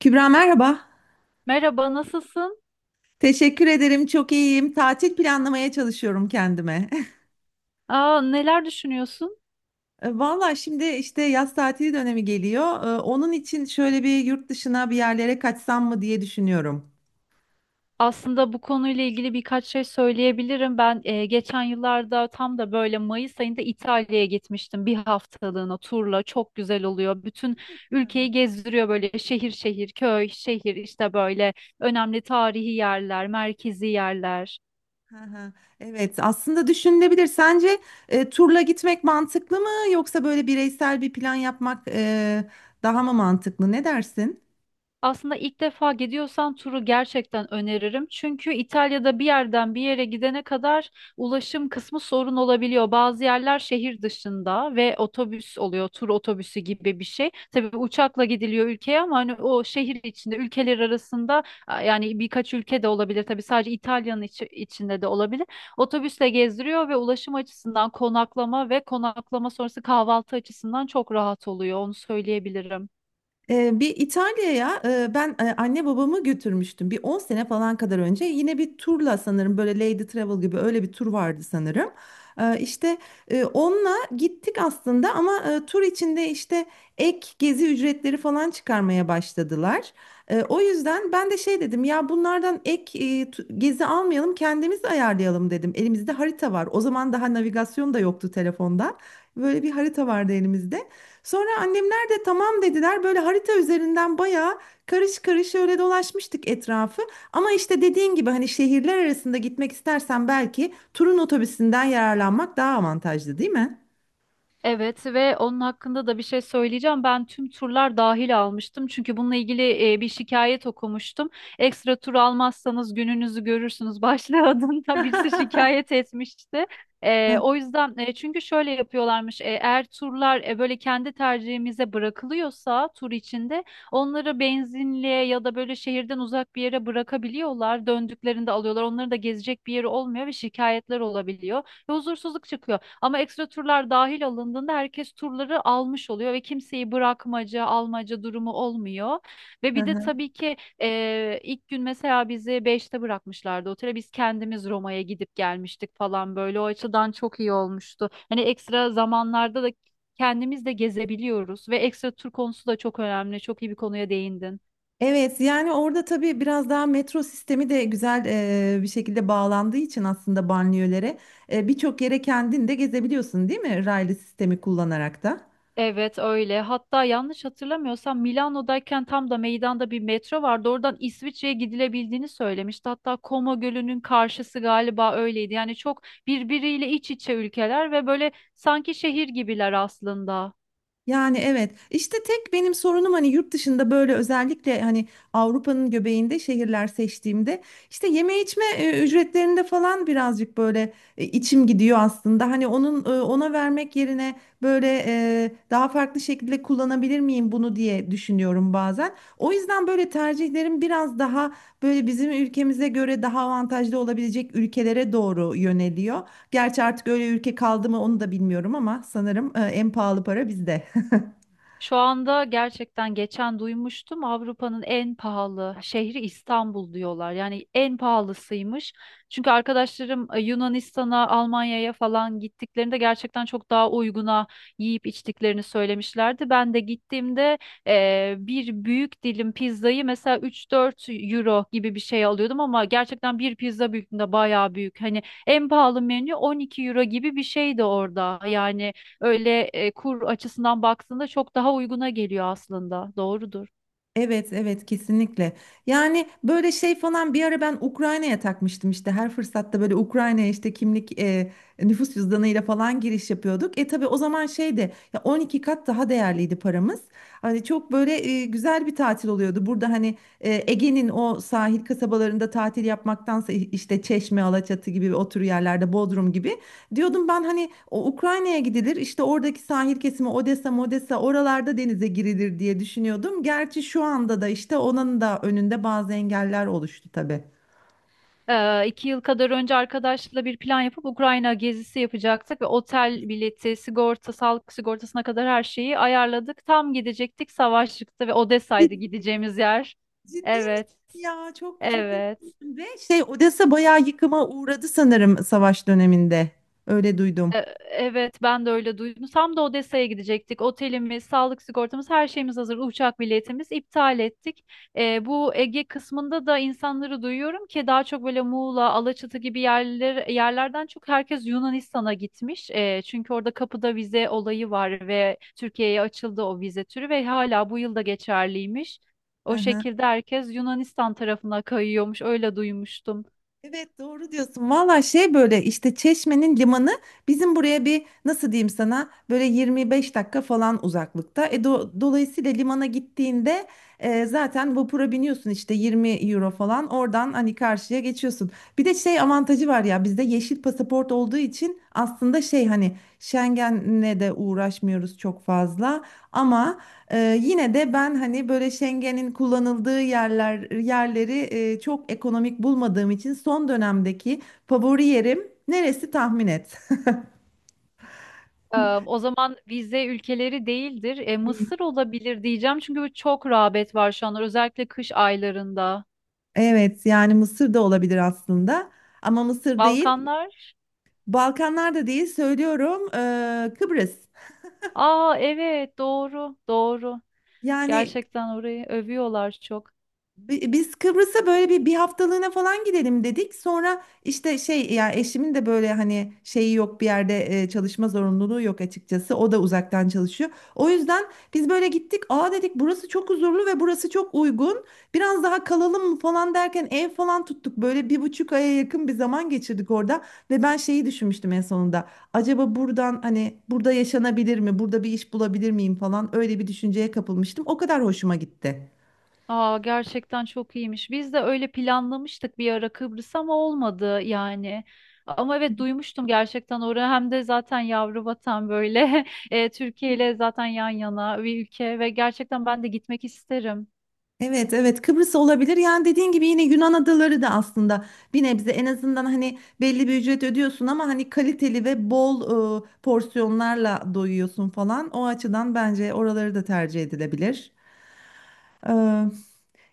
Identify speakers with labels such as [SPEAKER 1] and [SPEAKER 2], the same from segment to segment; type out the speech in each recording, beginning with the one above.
[SPEAKER 1] Kübra merhaba.
[SPEAKER 2] Merhaba, nasılsın?
[SPEAKER 1] Teşekkür ederim. Çok iyiyim. Tatil planlamaya çalışıyorum kendime.
[SPEAKER 2] Aa, neler düşünüyorsun?
[SPEAKER 1] Valla şimdi işte yaz tatili dönemi geliyor. Onun için şöyle bir yurt dışına bir yerlere kaçsam mı diye düşünüyorum.
[SPEAKER 2] Aslında bu konuyla ilgili birkaç şey söyleyebilirim. Ben geçen yıllarda tam da böyle Mayıs ayında İtalya'ya gitmiştim bir haftalığına turla. Çok güzel oluyor. Bütün
[SPEAKER 1] Gerçekten mi?
[SPEAKER 2] ülkeyi gezdiriyor böyle şehir şehir, köy şehir işte böyle önemli tarihi yerler, merkezi yerler.
[SPEAKER 1] Hı hı. Evet, aslında düşünülebilir. Sence turla gitmek mantıklı mı yoksa böyle bireysel bir plan yapmak daha mı mantıklı? Ne dersin?
[SPEAKER 2] Aslında ilk defa gidiyorsan turu gerçekten öneririm. Çünkü İtalya'da bir yerden bir yere gidene kadar ulaşım kısmı sorun olabiliyor. Bazı yerler şehir dışında ve otobüs oluyor, tur otobüsü gibi bir şey. Tabii uçakla gidiliyor ülkeye ama hani o şehir içinde, ülkeler arasında, yani birkaç ülke de olabilir. Tabii sadece İtalya'nın içinde de olabilir. Otobüsle gezdiriyor ve ulaşım açısından konaklama ve konaklama sonrası kahvaltı açısından çok rahat oluyor. Onu söyleyebilirim.
[SPEAKER 1] Bir İtalya'ya ben anne babamı götürmüştüm. Bir 10 sene falan kadar önce yine bir turla sanırım böyle Lady Travel gibi öyle bir tur vardı sanırım. İşte onunla gittik aslında ama tur içinde işte ek gezi ücretleri falan çıkarmaya başladılar. O yüzden ben de şey dedim ya bunlardan ek gezi almayalım kendimiz ayarlayalım dedim. Elimizde harita var. O zaman daha navigasyon da yoktu telefonda. Böyle bir harita vardı elimizde. Sonra annem tamam dediler. Böyle harita üzerinden bayağı karış karış öyle dolaşmıştık etrafı. Ama işte dediğin gibi hani şehirler arasında gitmek istersen belki turun otobüsünden yararlanmak daha avantajlı, değil mi?
[SPEAKER 2] Evet ve onun hakkında da bir şey söyleyeceğim. Ben tüm turlar dahil almıştım. Çünkü bununla ilgili bir şikayet okumuştum. Ekstra tur almazsanız gününüzü görürsünüz başlığı adında birisi şikayet etmişti. O yüzden çünkü şöyle yapıyorlarmış. Eğer turlar böyle kendi tercihimize bırakılıyorsa tur içinde onları benzinliğe ya da böyle şehirden uzak bir yere bırakabiliyorlar. Döndüklerinde alıyorlar. Onların da gezecek bir yeri olmuyor ve şikayetler olabiliyor. Ve huzursuzluk çıkıyor ama ekstra turlar dahil alındığında herkes turları almış oluyor ve kimseyi bırakmaca, almaca durumu olmuyor. Ve
[SPEAKER 1] Hı
[SPEAKER 2] bir de
[SPEAKER 1] hı.
[SPEAKER 2] tabii ki ilk gün mesela bizi beşte bırakmışlardı otele. Biz kendimiz Roma'ya gidip gelmiştik falan böyle. O açıdan çok iyi olmuştu. Hani ekstra zamanlarda da kendimiz de gezebiliyoruz ve ekstra tur konusu da çok önemli. Çok iyi bir konuya değindin.
[SPEAKER 1] Evet, yani orada tabii biraz daha metro sistemi de güzel bir şekilde bağlandığı için aslında banliyölere birçok yere kendin de gezebiliyorsun değil mi? Raylı sistemi kullanarak da.
[SPEAKER 2] Evet öyle. Hatta yanlış hatırlamıyorsam Milano'dayken tam da meydanda bir metro vardı. Oradan İsviçre'ye gidilebildiğini söylemişti. Hatta Como Gölü'nün karşısı galiba öyleydi. Yani çok birbiriyle iç içe ülkeler ve böyle sanki şehir gibiler aslında.
[SPEAKER 1] Yani evet işte tek benim sorunum hani yurt dışında böyle özellikle hani Avrupa'nın göbeğinde şehirler seçtiğimde işte yeme içme ücretlerinde falan birazcık böyle içim gidiyor aslında. Hani ona vermek yerine daha farklı şekilde kullanabilir miyim bunu diye düşünüyorum bazen. O yüzden böyle tercihlerim biraz daha böyle bizim ülkemize göre daha avantajlı olabilecek ülkelere doğru yöneliyor. Gerçi artık öyle ülke kaldı mı onu da bilmiyorum ama sanırım en pahalı para bizde.
[SPEAKER 2] Şu anda gerçekten geçen duymuştum Avrupa'nın en pahalı şehri İstanbul diyorlar. Yani en pahalısıymış. Çünkü arkadaşlarım Yunanistan'a, Almanya'ya falan gittiklerinde gerçekten çok daha uyguna yiyip içtiklerini söylemişlerdi. Ben de gittiğimde bir büyük dilim pizzayı mesela 3-4 euro gibi bir şey alıyordum ama gerçekten bir pizza büyüklüğünde bayağı büyük. Hani en pahalı menü 12 euro gibi bir şeydi orada. Yani öyle kur açısından baktığında çok daha uyguna geliyor aslında. Doğrudur.
[SPEAKER 1] Evet, evet kesinlikle. Yani böyle şey falan bir ara ben Ukrayna'ya takmıştım işte her fırsatta böyle Ukrayna'ya işte kimlik, nüfus cüzdanıyla falan giriş yapıyorduk. E tabii o zaman şeydi ya 12 kat daha değerliydi paramız. Hani çok böyle güzel bir tatil oluyordu. Burada hani Ege'nin o sahil kasabalarında tatil yapmaktansa işte Çeşme, Alaçatı gibi otur yerlerde Bodrum gibi diyordum ben hani o Ukrayna'ya gidilir işte oradaki sahil kesimi Odessa, Modessa oralarda denize girilir diye düşünüyordum. Gerçi şu anda da işte onun da önünde bazı engeller oluştu tabii.
[SPEAKER 2] İki yıl kadar önce arkadaşla bir plan yapıp Ukrayna gezisi yapacaktık ve otel bileti, sigorta, sağlık sigortasına kadar her şeyi ayarladık. Tam gidecektik, savaş çıktı ve Odessa'ydı
[SPEAKER 1] Cid-
[SPEAKER 2] gideceğimiz yer.
[SPEAKER 1] Ciddi misin
[SPEAKER 2] Evet,
[SPEAKER 1] ya? Çok çok
[SPEAKER 2] evet.
[SPEAKER 1] üzüldüm. Ve şey Odessa bayağı yıkıma uğradı sanırım savaş döneminde. Öyle duydum.
[SPEAKER 2] E, Evet ben de öyle duydum. Tam da Odessa'ya gidecektik. Otelimiz, sağlık sigortamız, her şeyimiz hazır. Uçak biletimiz iptal ettik. Bu Ege kısmında da insanları duyuyorum ki daha çok böyle Muğla, Alaçatı gibi yerler, yerlerden çok herkes Yunanistan'a gitmiş. Çünkü orada kapıda vize olayı var ve Türkiye'ye açıldı o vize türü ve hala bu yılda geçerliymiş.
[SPEAKER 1] Hı
[SPEAKER 2] O
[SPEAKER 1] hı.
[SPEAKER 2] şekilde herkes Yunanistan tarafına kayıyormuş. Öyle duymuştum.
[SPEAKER 1] Evet, doğru diyorsun. Valla şey böyle işte Çeşme'nin limanı bizim buraya bir nasıl diyeyim sana böyle 25 dakika falan uzaklıkta. E dolayısıyla limana gittiğinde zaten vapura biniyorsun işte 20 euro falan oradan hani karşıya geçiyorsun. Bir de şey avantajı var ya bizde yeşil pasaport olduğu için aslında şey hani Schengen'le de uğraşmıyoruz çok fazla ama yine de ben hani böyle Schengen'in kullanıldığı yerleri çok ekonomik bulmadığım için son dönemdeki favori yerim neresi tahmin et.
[SPEAKER 2] Ee, O zaman vize ülkeleri değildir.
[SPEAKER 1] Değil.
[SPEAKER 2] Mısır olabilir diyeceğim çünkü bu çok rağbet var şu anlar özellikle kış aylarında.
[SPEAKER 1] Evet, yani Mısır da olabilir aslında ama Mısır değil.
[SPEAKER 2] Balkanlar.
[SPEAKER 1] Balkanlar da değil, söylüyorum, Kıbrıs.
[SPEAKER 2] Aa, evet, doğru doğru.
[SPEAKER 1] Yani
[SPEAKER 2] Gerçekten orayı övüyorlar çok.
[SPEAKER 1] Biz Kıbrıs'a böyle bir haftalığına falan gidelim dedik. Sonra işte şey ya eşimin de böyle hani şeyi yok bir yerde çalışma zorunluluğu yok açıkçası. O da uzaktan çalışıyor. O yüzden biz böyle gittik. Aa dedik, burası çok huzurlu ve burası çok uygun. Biraz daha kalalım mı falan derken ev falan tuttuk. Böyle bir buçuk aya yakın bir zaman geçirdik orada. Ve ben şeyi düşünmüştüm en sonunda. Acaba buradan hani burada yaşanabilir mi? Burada bir iş bulabilir miyim falan öyle bir düşünceye kapılmıştım. O kadar hoşuma gitti.
[SPEAKER 2] Aa, gerçekten çok iyiymiş. Biz de öyle planlamıştık bir ara Kıbrıs ama olmadı yani. Ama evet, duymuştum gerçekten orayı. Hem de zaten yavru vatan böyle Türkiye ile zaten yan yana bir ülke ve gerçekten ben de gitmek isterim.
[SPEAKER 1] Evet, evet Kıbrıs olabilir. Yani dediğin gibi yine Yunan adaları da aslında bir nebze en azından hani belli bir ücret ödüyorsun ama hani kaliteli ve bol porsiyonlarla doyuyorsun falan. O açıdan bence oraları da tercih edilebilir. Ee,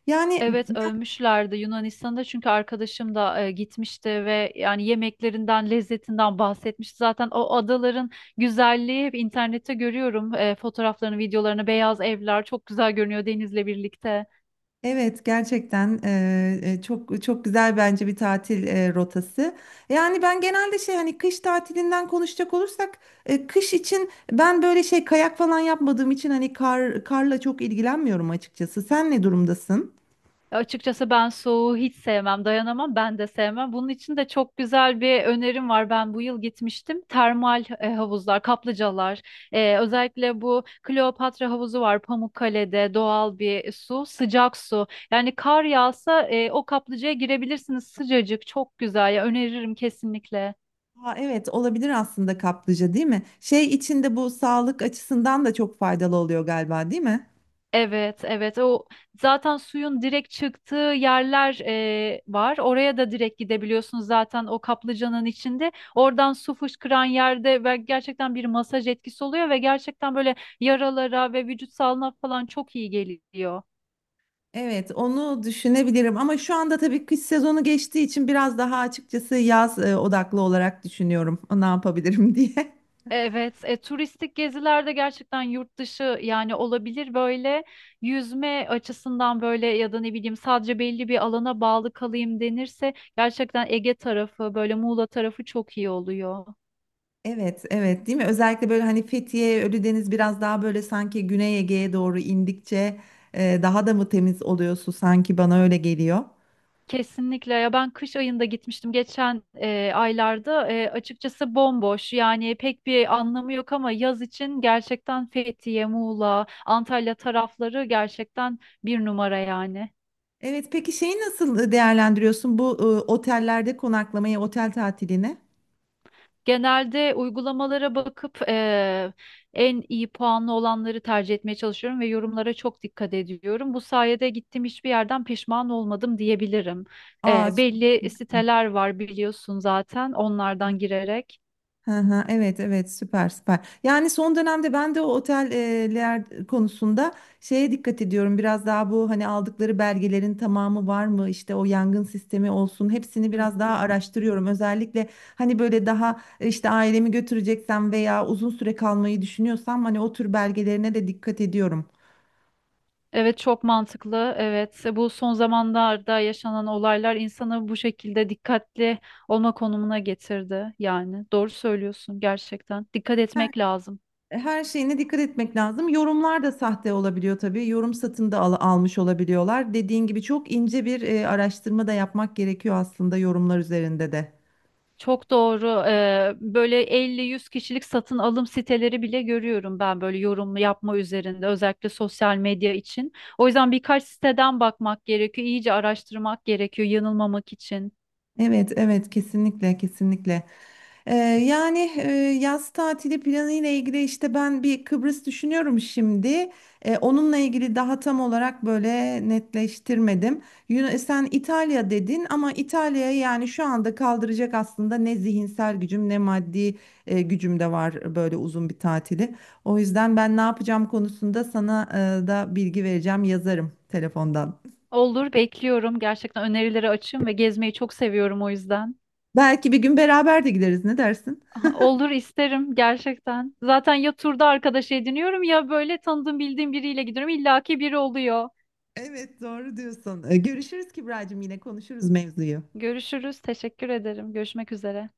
[SPEAKER 1] yani
[SPEAKER 2] Evet ölmüşlerdi Yunanistan'da, çünkü arkadaşım da gitmişti ve yani yemeklerinden lezzetinden bahsetmişti. Zaten o adaların güzelliği hep internette görüyorum, fotoğraflarını, videolarını. Beyaz evler çok güzel görünüyor denizle birlikte.
[SPEAKER 1] Evet, gerçekten çok çok güzel bence bir tatil rotası. Yani ben genelde şey hani kış tatilinden konuşacak olursak kış için ben böyle şey kayak falan yapmadığım için hani karla çok ilgilenmiyorum açıkçası. Sen ne durumdasın?
[SPEAKER 2] Ya açıkçası, ben soğuğu hiç sevmem, dayanamam, ben de sevmem. Bunun için de çok güzel bir önerim var. Ben bu yıl gitmiştim. Termal havuzlar, kaplıcalar, özellikle bu Kleopatra havuzu var Pamukkale'de, doğal bir su, sıcak su. Yani kar yağsa o kaplıcaya girebilirsiniz, sıcacık, çok güzel. Ya öneririm kesinlikle.
[SPEAKER 1] Ha, evet olabilir aslında, kaplıca değil mi? Şey içinde bu sağlık açısından da çok faydalı oluyor galiba değil mi?
[SPEAKER 2] Evet, evet. O zaten suyun direkt çıktığı yerler var. Oraya da direkt gidebiliyorsunuz zaten o kaplıcanın içinde. Oradan su fışkıran yerde ve gerçekten bir masaj etkisi oluyor ve gerçekten böyle yaralara ve vücut sağlığına falan çok iyi geliyor.
[SPEAKER 1] Evet, onu düşünebilirim ama şu anda tabii kış sezonu geçtiği için biraz daha açıkçası yaz odaklı olarak düşünüyorum ne yapabilirim diye.
[SPEAKER 2] Evet, turistik gezilerde gerçekten yurt dışı yani olabilir böyle yüzme açısından böyle ya da ne bileyim sadece belli bir alana bağlı kalayım denirse gerçekten Ege tarafı böyle Muğla tarafı çok iyi oluyor.
[SPEAKER 1] Evet, evet değil mi? Özellikle böyle hani Fethiye, Ölüdeniz biraz daha böyle sanki Güney Ege'ye doğru indikçe daha da mı temiz oluyor su, sanki bana öyle geliyor.
[SPEAKER 2] Kesinlikle ya, ben kış ayında gitmiştim geçen aylarda. Açıkçası bomboş yani pek bir anlamı yok ama yaz için gerçekten Fethiye, Muğla, Antalya tarafları gerçekten bir numara yani.
[SPEAKER 1] Evet, peki şeyi nasıl değerlendiriyorsun bu otellerde konaklamayı, otel tatilini?
[SPEAKER 2] Genelde uygulamalara bakıp en iyi puanlı olanları tercih etmeye çalışıyorum ve yorumlara çok dikkat ediyorum. Bu sayede gittiğim hiçbir yerden pişman olmadım diyebilirim.
[SPEAKER 1] Aa, çok...
[SPEAKER 2] Belli siteler var biliyorsun, zaten onlardan girerek.
[SPEAKER 1] Hı hı, evet evet, süper süper. Yani son dönemde ben de o oteller konusunda şeye dikkat ediyorum. Biraz daha bu hani aldıkları belgelerin tamamı var mı? İşte o yangın sistemi olsun. Hepsini biraz daha
[SPEAKER 2] Hmm.
[SPEAKER 1] araştırıyorum. Özellikle hani böyle daha işte ailemi götüreceksem veya uzun süre kalmayı düşünüyorsam hani o tür belgelerine de dikkat ediyorum.
[SPEAKER 2] Evet, çok mantıklı. Evet, bu son zamanlarda yaşanan olaylar insanı bu şekilde dikkatli olma konumuna getirdi. Yani doğru söylüyorsun gerçekten. Dikkat etmek lazım.
[SPEAKER 1] E, her şeyine dikkat etmek lazım. Yorumlar da sahte olabiliyor tabii. Yorum satın da almış olabiliyorlar. Dediğin gibi çok ince bir araştırma da yapmak gerekiyor aslında yorumlar üzerinde de.
[SPEAKER 2] Çok doğru. Böyle elli, yüz kişilik satın alım siteleri bile görüyorum ben, böyle yorum yapma üzerinde özellikle sosyal medya için. O yüzden birkaç siteden bakmak gerekiyor. İyice araştırmak gerekiyor yanılmamak için.
[SPEAKER 1] Evet, evet kesinlikle kesinlikle. Ee, yani e, yaz tatili planı ile ilgili işte ben bir Kıbrıs düşünüyorum şimdi. Onunla ilgili daha tam olarak böyle netleştirmedim. Sen İtalya dedin ama İtalya'ya, yani şu anda kaldıracak aslında ne zihinsel gücüm ne maddi gücüm de var böyle uzun bir tatili. O yüzden ben ne yapacağım konusunda sana da bilgi vereceğim, yazarım telefondan.
[SPEAKER 2] Olur, bekliyorum. Gerçekten önerileri açığım ve gezmeyi çok seviyorum o yüzden.
[SPEAKER 1] Belki bir gün beraber de gideriz. Ne dersin?
[SPEAKER 2] Aha, olur, isterim gerçekten. Zaten ya turda arkadaş ediniyorum ya böyle tanıdığım bildiğim biriyle gidiyorum. İlla ki biri oluyor.
[SPEAKER 1] Evet, doğru diyorsun. Görüşürüz Kibracığım, yine konuşuruz mevzuyu.
[SPEAKER 2] Görüşürüz. Teşekkür ederim. Görüşmek üzere.